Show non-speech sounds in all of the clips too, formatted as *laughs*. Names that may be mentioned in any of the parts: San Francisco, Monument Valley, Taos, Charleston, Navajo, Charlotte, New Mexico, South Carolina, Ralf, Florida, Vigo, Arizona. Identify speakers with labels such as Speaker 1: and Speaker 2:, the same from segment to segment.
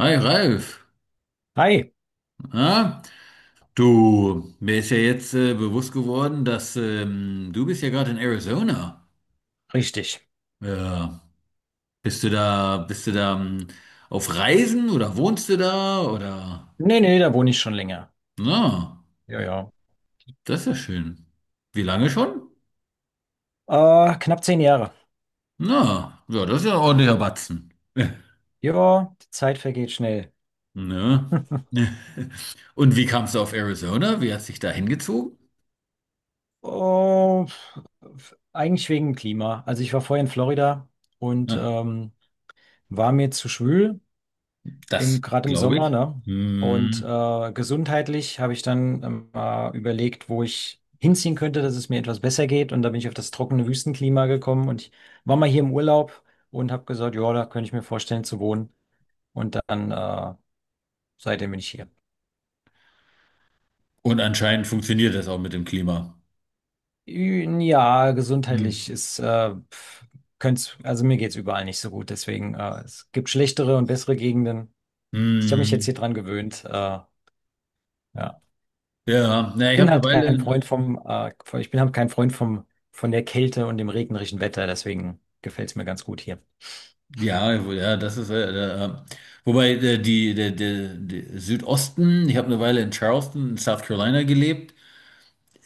Speaker 1: Hi Ralf,
Speaker 2: Hi,
Speaker 1: na? Du, mir ist ja jetzt bewusst geworden, dass du bist ja gerade in Arizona.
Speaker 2: richtig.
Speaker 1: Ja. Bist du da auf Reisen oder wohnst du da oder?
Speaker 2: Nee, nee, da wohne ich schon länger.
Speaker 1: Na,
Speaker 2: Ja, ja.
Speaker 1: das ist ja schön. Wie lange schon?
Speaker 2: Knapp 10 Jahre.
Speaker 1: Na, ja, das ist ja ein ordentlicher Batzen. *laughs*
Speaker 2: Ja, die Zeit vergeht schnell.
Speaker 1: Ne? Und wie kamst du auf Arizona? Wie hast dich da hingezogen?
Speaker 2: Oh, eigentlich wegen dem Klima. Also ich war vorher in Florida und
Speaker 1: Ja,
Speaker 2: war mir zu schwül, im,
Speaker 1: das
Speaker 2: gerade im
Speaker 1: glaube
Speaker 2: Sommer,
Speaker 1: ich.
Speaker 2: ne? Und
Speaker 1: Hm.
Speaker 2: gesundheitlich habe ich dann überlegt, wo ich hinziehen könnte, dass es mir etwas besser geht. Und da bin ich auf das trockene Wüstenklima gekommen und ich war mal hier im Urlaub und habe gesagt, ja, da könnte ich mir vorstellen zu wohnen. Und dann seitdem bin ich hier.
Speaker 1: Und anscheinend funktioniert das auch mit dem Klima.
Speaker 2: Ja,
Speaker 1: Hm.
Speaker 2: gesundheitlich ist, pf, könnt's, also mir geht's überall nicht so gut. Deswegen, es gibt schlechtere und bessere Gegenden. Ich habe mich jetzt hier
Speaker 1: Hm.
Speaker 2: dran gewöhnt. Ja.
Speaker 1: Ja, na, ich habe eine Weile,
Speaker 2: Ich bin halt kein Freund vom, von der Kälte und dem regnerischen Wetter. Deswegen gefällt's mir ganz gut hier.
Speaker 1: ja, ja, das ist, wobei die, der Südosten, ich habe eine Weile in Charleston, in South Carolina gelebt.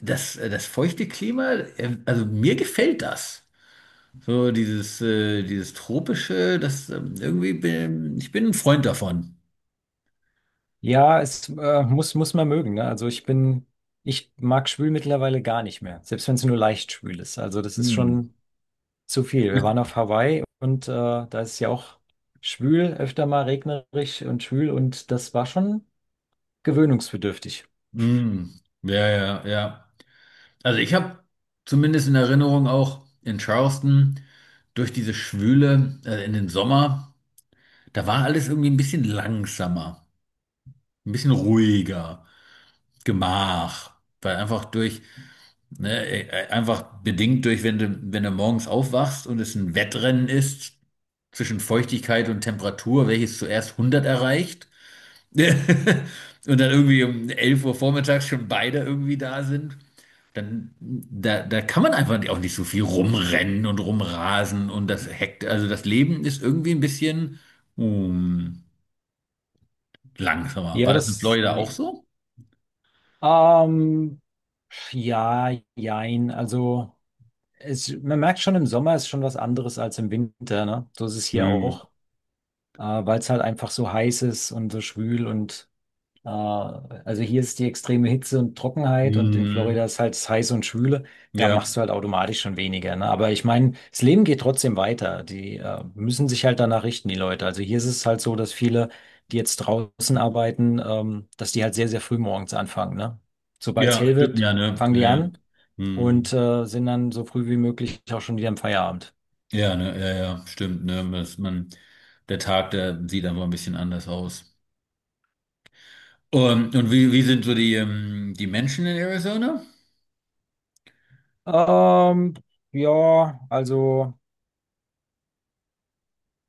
Speaker 1: Das feuchte Klima, also mir gefällt das. So dieses tropische, das irgendwie ich bin ein Freund davon.
Speaker 2: Ja, es muss man mögen, ne? Ich mag schwül mittlerweile gar nicht mehr. Selbst wenn es nur leicht schwül ist. Also das ist
Speaker 1: Hm.
Speaker 2: schon. Zu viel. Wir waren auf Hawaii und da ist es ja auch schwül, öfter mal regnerisch und schwül und das war schon gewöhnungsbedürftig.
Speaker 1: Hm. Ja, ja, ja. Also ich habe zumindest in Erinnerung auch in Charleston durch diese Schwüle, in den Sommer. Da war alles irgendwie ein bisschen langsamer, ein bisschen ruhiger, Gemach, weil einfach durch, ne, einfach bedingt durch, wenn du morgens aufwachst und es ein Wettrennen ist zwischen Feuchtigkeit und Temperatur, welches zuerst 100 erreicht *laughs* und dann irgendwie um 11 Uhr vormittags schon beide irgendwie da sind, dann da kann man einfach auch nicht so viel rumrennen und rumrasen und das hekt, also das Leben ist irgendwie ein bisschen, mm, langsamer.
Speaker 2: Ja,
Speaker 1: War das in Florida auch so?
Speaker 2: ähm, ja, jein. Also es, man merkt schon, im Sommer ist schon was anderes als im Winter, ne? So ist es hier
Speaker 1: Hm.
Speaker 2: auch, weil es halt einfach so heiß ist und so schwül und also hier ist die extreme Hitze und Trockenheit und in
Speaker 1: Hm.
Speaker 2: Florida ist halt heiß und schwüle. Da machst
Speaker 1: Ja,
Speaker 2: du halt automatisch schon weniger, ne? Aber ich meine, das Leben geht trotzdem weiter. Die müssen sich halt danach richten, die Leute. Also hier ist es halt so, dass viele, die jetzt draußen arbeiten, dass die halt sehr, sehr früh morgens anfangen, ne? Sobald es
Speaker 1: ja,
Speaker 2: hell
Speaker 1: stimmt
Speaker 2: wird,
Speaker 1: ja, ne?
Speaker 2: fangen
Speaker 1: Ja,
Speaker 2: die
Speaker 1: ja.
Speaker 2: an
Speaker 1: Hm.
Speaker 2: und sind dann so früh wie möglich auch schon wieder im Feierabend.
Speaker 1: Ja, ne, ja, ja, stimmt, ne? Dass man, der Tag, der sieht einfach ein bisschen anders aus. Und wie sind so die, die Menschen in Arizona?
Speaker 2: Ähm, ja, also.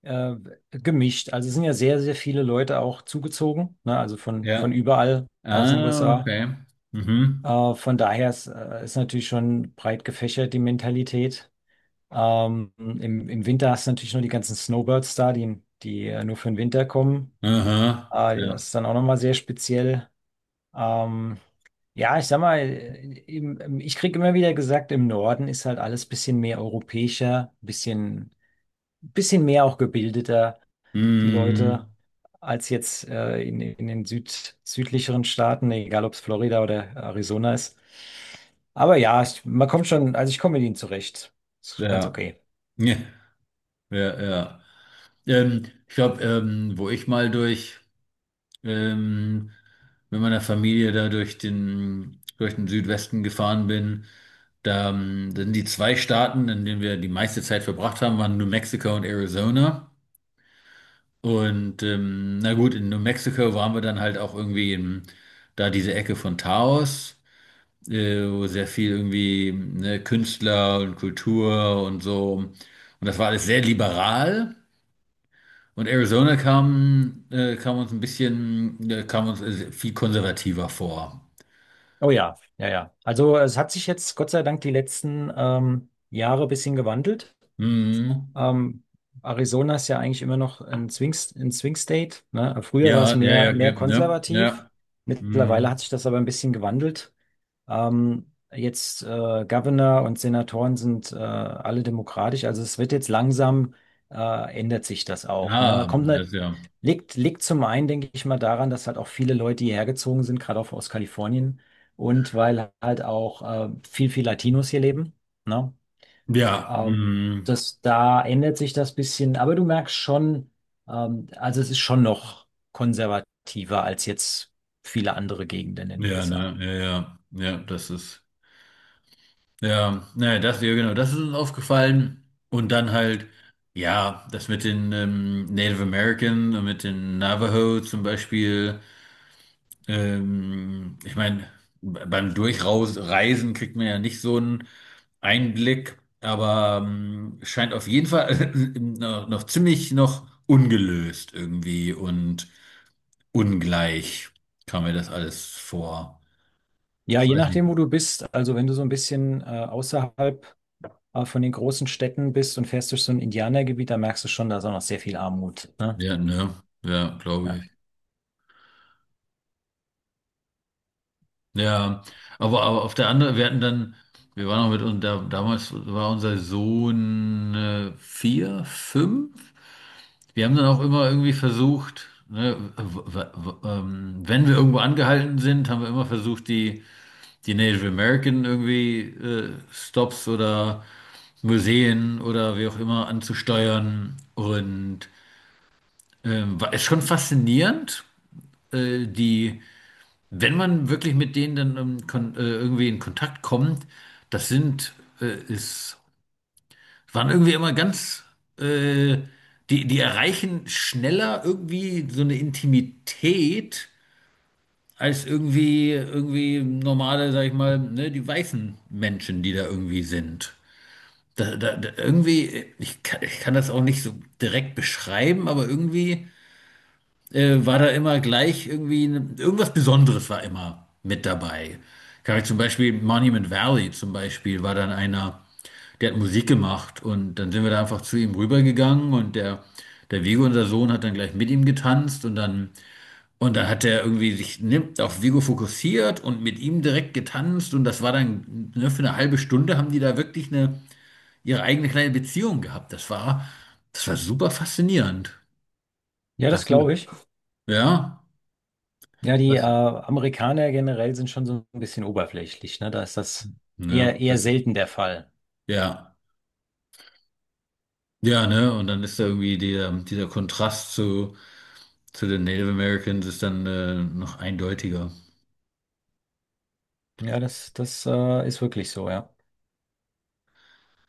Speaker 2: äh, Gemischt. Also es sind ja sehr, sehr viele Leute auch zugezogen, ne? Also von
Speaker 1: Ja.
Speaker 2: überall aus den
Speaker 1: Ah,
Speaker 2: USA.
Speaker 1: okay. Mhm.
Speaker 2: Von daher ist, ist natürlich schon breit gefächert die Mentalität. Im Winter hast du natürlich nur die ganzen Snowbirds da, die, die nur für den Winter kommen.
Speaker 1: Aha.
Speaker 2: Das
Speaker 1: Ja.
Speaker 2: ist dann auch nochmal sehr speziell. Ähm, ja, ich sag mal, ich krieg immer wieder gesagt, im Norden ist halt alles bisschen mehr europäischer, bisschen, bisschen mehr auch gebildeter, die Leute,
Speaker 1: Hm.
Speaker 2: als jetzt in den Süd, südlicheren Staaten, egal ob es Florida oder Arizona ist. Aber ja, ich, man kommt schon, also ich komme mit ihnen zurecht. Ist ganz
Speaker 1: Ja.
Speaker 2: okay.
Speaker 1: Ja, ja, ja. Ich glaube, wo ich mal durch. ähm, mit meiner Familie da durch den Südwesten gefahren bin. Da sind die zwei Staaten, in denen wir die meiste Zeit verbracht haben, waren New Mexico und Arizona. Und na gut, in New Mexico waren wir dann halt auch irgendwie in, da diese Ecke von Taos, wo sehr viel irgendwie ne, Künstler und Kultur und so. Und das war alles sehr liberal. Und Arizona kam uns ein bisschen, kam uns viel konservativer vor.
Speaker 2: Oh ja, ja, ja. Also es hat sich jetzt Gott sei Dank die letzten Jahre ein bisschen gewandelt.
Speaker 1: Mhm.
Speaker 2: Ähm, Arizona ist ja eigentlich immer noch ein Swing State, ne? Früher war
Speaker 1: Ja,
Speaker 2: es
Speaker 1: ja, ja,
Speaker 2: mehr,
Speaker 1: ja,
Speaker 2: mehr
Speaker 1: ne?
Speaker 2: konservativ.
Speaker 1: Ja.
Speaker 2: Mittlerweile
Speaker 1: Mhm.
Speaker 2: hat sich das aber ein bisschen gewandelt. Jetzt Governor und Senatoren sind alle demokratisch, also es wird jetzt langsam, ändert sich das auch, ne?
Speaker 1: Ah,
Speaker 2: Kommt ne,
Speaker 1: das ja.
Speaker 2: liegt zum einen, denke ich mal, daran, dass halt auch viele Leute hierher gezogen sind, gerade auch aus Kalifornien und weil halt auch viel Latinos hier leben, ne?
Speaker 1: Ja.
Speaker 2: Ähm,
Speaker 1: Mhm.
Speaker 2: Da ändert sich das bisschen, aber du merkst schon, also es ist schon noch konservativer als jetzt viele andere Gegenden in den
Speaker 1: Ja, ne,
Speaker 2: USA.
Speaker 1: ja, ja. Ja, das ist. Ja, naja, das, ja, genau, das ist uns aufgefallen. Und dann halt, ja, das mit den Native American und mit den Navajo zum Beispiel. Ich meine, beim Durchreisen kriegt man ja nicht so einen Einblick, aber scheint auf jeden Fall *laughs* noch ziemlich noch ungelöst irgendwie und ungleich kam mir das alles vor.
Speaker 2: Ja,
Speaker 1: Ich
Speaker 2: je
Speaker 1: weiß nicht.
Speaker 2: nachdem, wo du bist. Also wenn du so ein bisschen außerhalb von den großen Städten bist und fährst durch so ein Indianergebiet, da merkst du schon, da ist auch noch sehr viel Armut. Ne?
Speaker 1: Ja, ne? Ja, glaube
Speaker 2: Ja.
Speaker 1: ich. Ja, aber auf der anderen, wir hatten dann, wir waren auch mit uns, da, damals war unser Sohn 4, 5. Wir haben dann auch immer irgendwie versucht, ne, wenn wir irgendwo angehalten sind, haben wir immer versucht, die Native American irgendwie Stops oder Museen oder wie auch immer anzusteuern. Und ist schon faszinierend, die. Wenn man wirklich mit denen dann kon irgendwie in Kontakt kommt, das sind, ist, waren irgendwie immer ganz, äh, die erreichen schneller irgendwie so eine Intimität als irgendwie normale, sag ich mal, ne, die weißen Menschen, die da irgendwie sind. Da, irgendwie, ich kann das auch nicht so direkt beschreiben, aber irgendwie. War da immer gleich irgendwie ne, irgendwas Besonderes war immer mit dabei. Kann ich zum Beispiel Monument Valley zum Beispiel war dann einer, der hat Musik gemacht und dann sind wir da einfach zu ihm rübergegangen und der Vigo, unser Sohn, hat dann gleich mit ihm getanzt und dann hat er irgendwie sich ne, auf Vigo fokussiert und mit ihm direkt getanzt und das war dann ne, für eine halbe Stunde haben die da wirklich eine ihre eigene kleine Beziehung gehabt. Das war super faszinierend.
Speaker 2: Ja, das
Speaker 1: Das,
Speaker 2: glaube ich.
Speaker 1: ja,
Speaker 2: Ja, die
Speaker 1: was,
Speaker 2: Amerikaner generell sind schon so ein bisschen oberflächlich. Ne? Da ist das
Speaker 1: ne,
Speaker 2: eher
Speaker 1: das ist,
Speaker 2: selten der Fall.
Speaker 1: ja, ja, ne, und dann ist da irgendwie dieser Kontrast zu den Native Americans ist dann noch eindeutiger.
Speaker 2: Ja, das ist wirklich so, ja.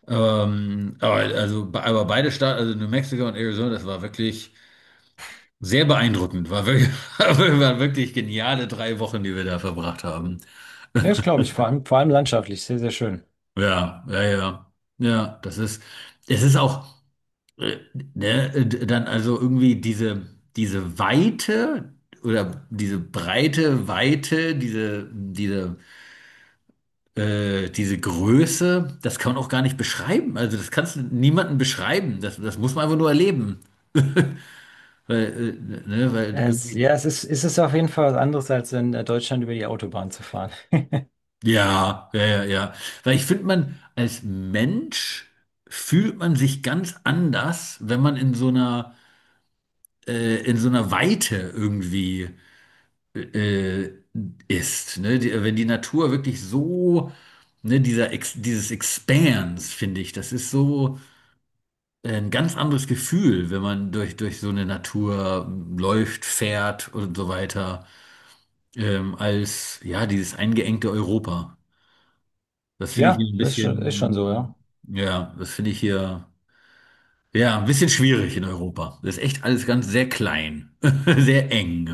Speaker 1: Aber, also, aber beide Staaten, also New Mexico und Arizona, das war wirklich sehr beeindruckend. War wirklich, *laughs* waren wirklich geniale 3 Wochen, die wir da verbracht haben.
Speaker 2: Ja, das glaube ich. Vor allem landschaftlich, sehr, sehr schön.
Speaker 1: Ja, ja, ja. Ja, das ist, es ist auch. äh, ne, dann also irgendwie diese Weite oder diese breite Weite, diese Größe, das kann man auch gar nicht beschreiben. Also das kannst du niemandem beschreiben. Das muss man einfach nur erleben. *laughs* Weil irgendwie,
Speaker 2: Es ist auf jeden Fall was anderes, als in Deutschland über die Autobahn zu fahren. *laughs*
Speaker 1: ja, ja, ja, ja. Weil ich finde, man als Mensch fühlt man sich ganz anders, wenn man in so einer Weite irgendwie. äh, ist. Ne? Wenn die Natur wirklich so, ne, dieses Expanse, finde ich, das ist so ein ganz anderes Gefühl, wenn man durch so eine Natur läuft, fährt und so weiter, als ja, dieses eingeengte Europa. Das finde ich hier
Speaker 2: Ja,
Speaker 1: ein
Speaker 2: das ist schon so,
Speaker 1: bisschen,
Speaker 2: ja.
Speaker 1: ja, das finde ich hier. Ja, ein bisschen schwierig in Europa. Das ist echt alles ganz sehr klein, *laughs* sehr eng.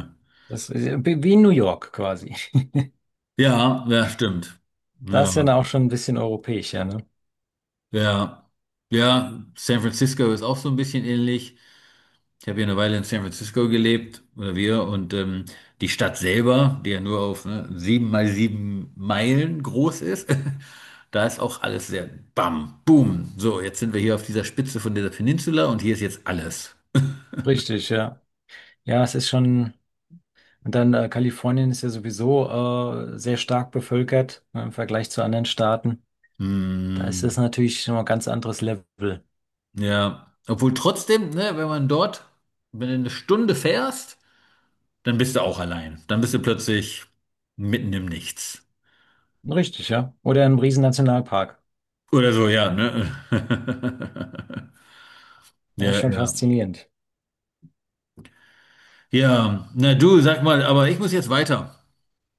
Speaker 2: Das ist ja wie in New York quasi.
Speaker 1: Ja, ja, stimmt.
Speaker 2: Das
Speaker 1: Ja.
Speaker 2: ist ja dann auch schon ein bisschen europäisch, ja, ne?
Speaker 1: Ja, ja, San Francisco ist auch so ein bisschen ähnlich. Ich habe ja eine Weile in San Francisco gelebt, oder wir, und die Stadt selber, die ja nur auf ne, 7 mal 7 Meilen groß ist, *laughs* da ist auch alles sehr bam, boom. So, jetzt sind wir hier auf dieser Spitze von dieser Peninsula und hier ist jetzt alles.
Speaker 2: Richtig, ja. Ja, es ist schon. Und dann Kalifornien ist ja sowieso sehr stark bevölkert ne, im Vergleich zu anderen Staaten. Da ist das
Speaker 1: Hm,
Speaker 2: natürlich schon mal ein ganz anderes Level.
Speaker 1: ja, obwohl trotzdem, ne, wenn man dort, wenn du eine Stunde fährst, dann bist du auch allein. Dann bist du plötzlich mitten im Nichts.
Speaker 2: Richtig, ja. Oder ein riesen Nationalpark.
Speaker 1: Oder so, ja, ne? *laughs*
Speaker 2: Ja, ist
Speaker 1: Ja,
Speaker 2: schon
Speaker 1: ja.
Speaker 2: faszinierend.
Speaker 1: Ja, na du, sag mal, aber ich muss jetzt weiter.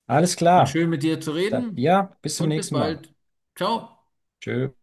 Speaker 2: Alles
Speaker 1: War
Speaker 2: klar.
Speaker 1: schön mit dir zu
Speaker 2: Da,
Speaker 1: reden
Speaker 2: ja, bis zum
Speaker 1: und bis
Speaker 2: nächsten Mal.
Speaker 1: bald. Ciao.
Speaker 2: Tschö.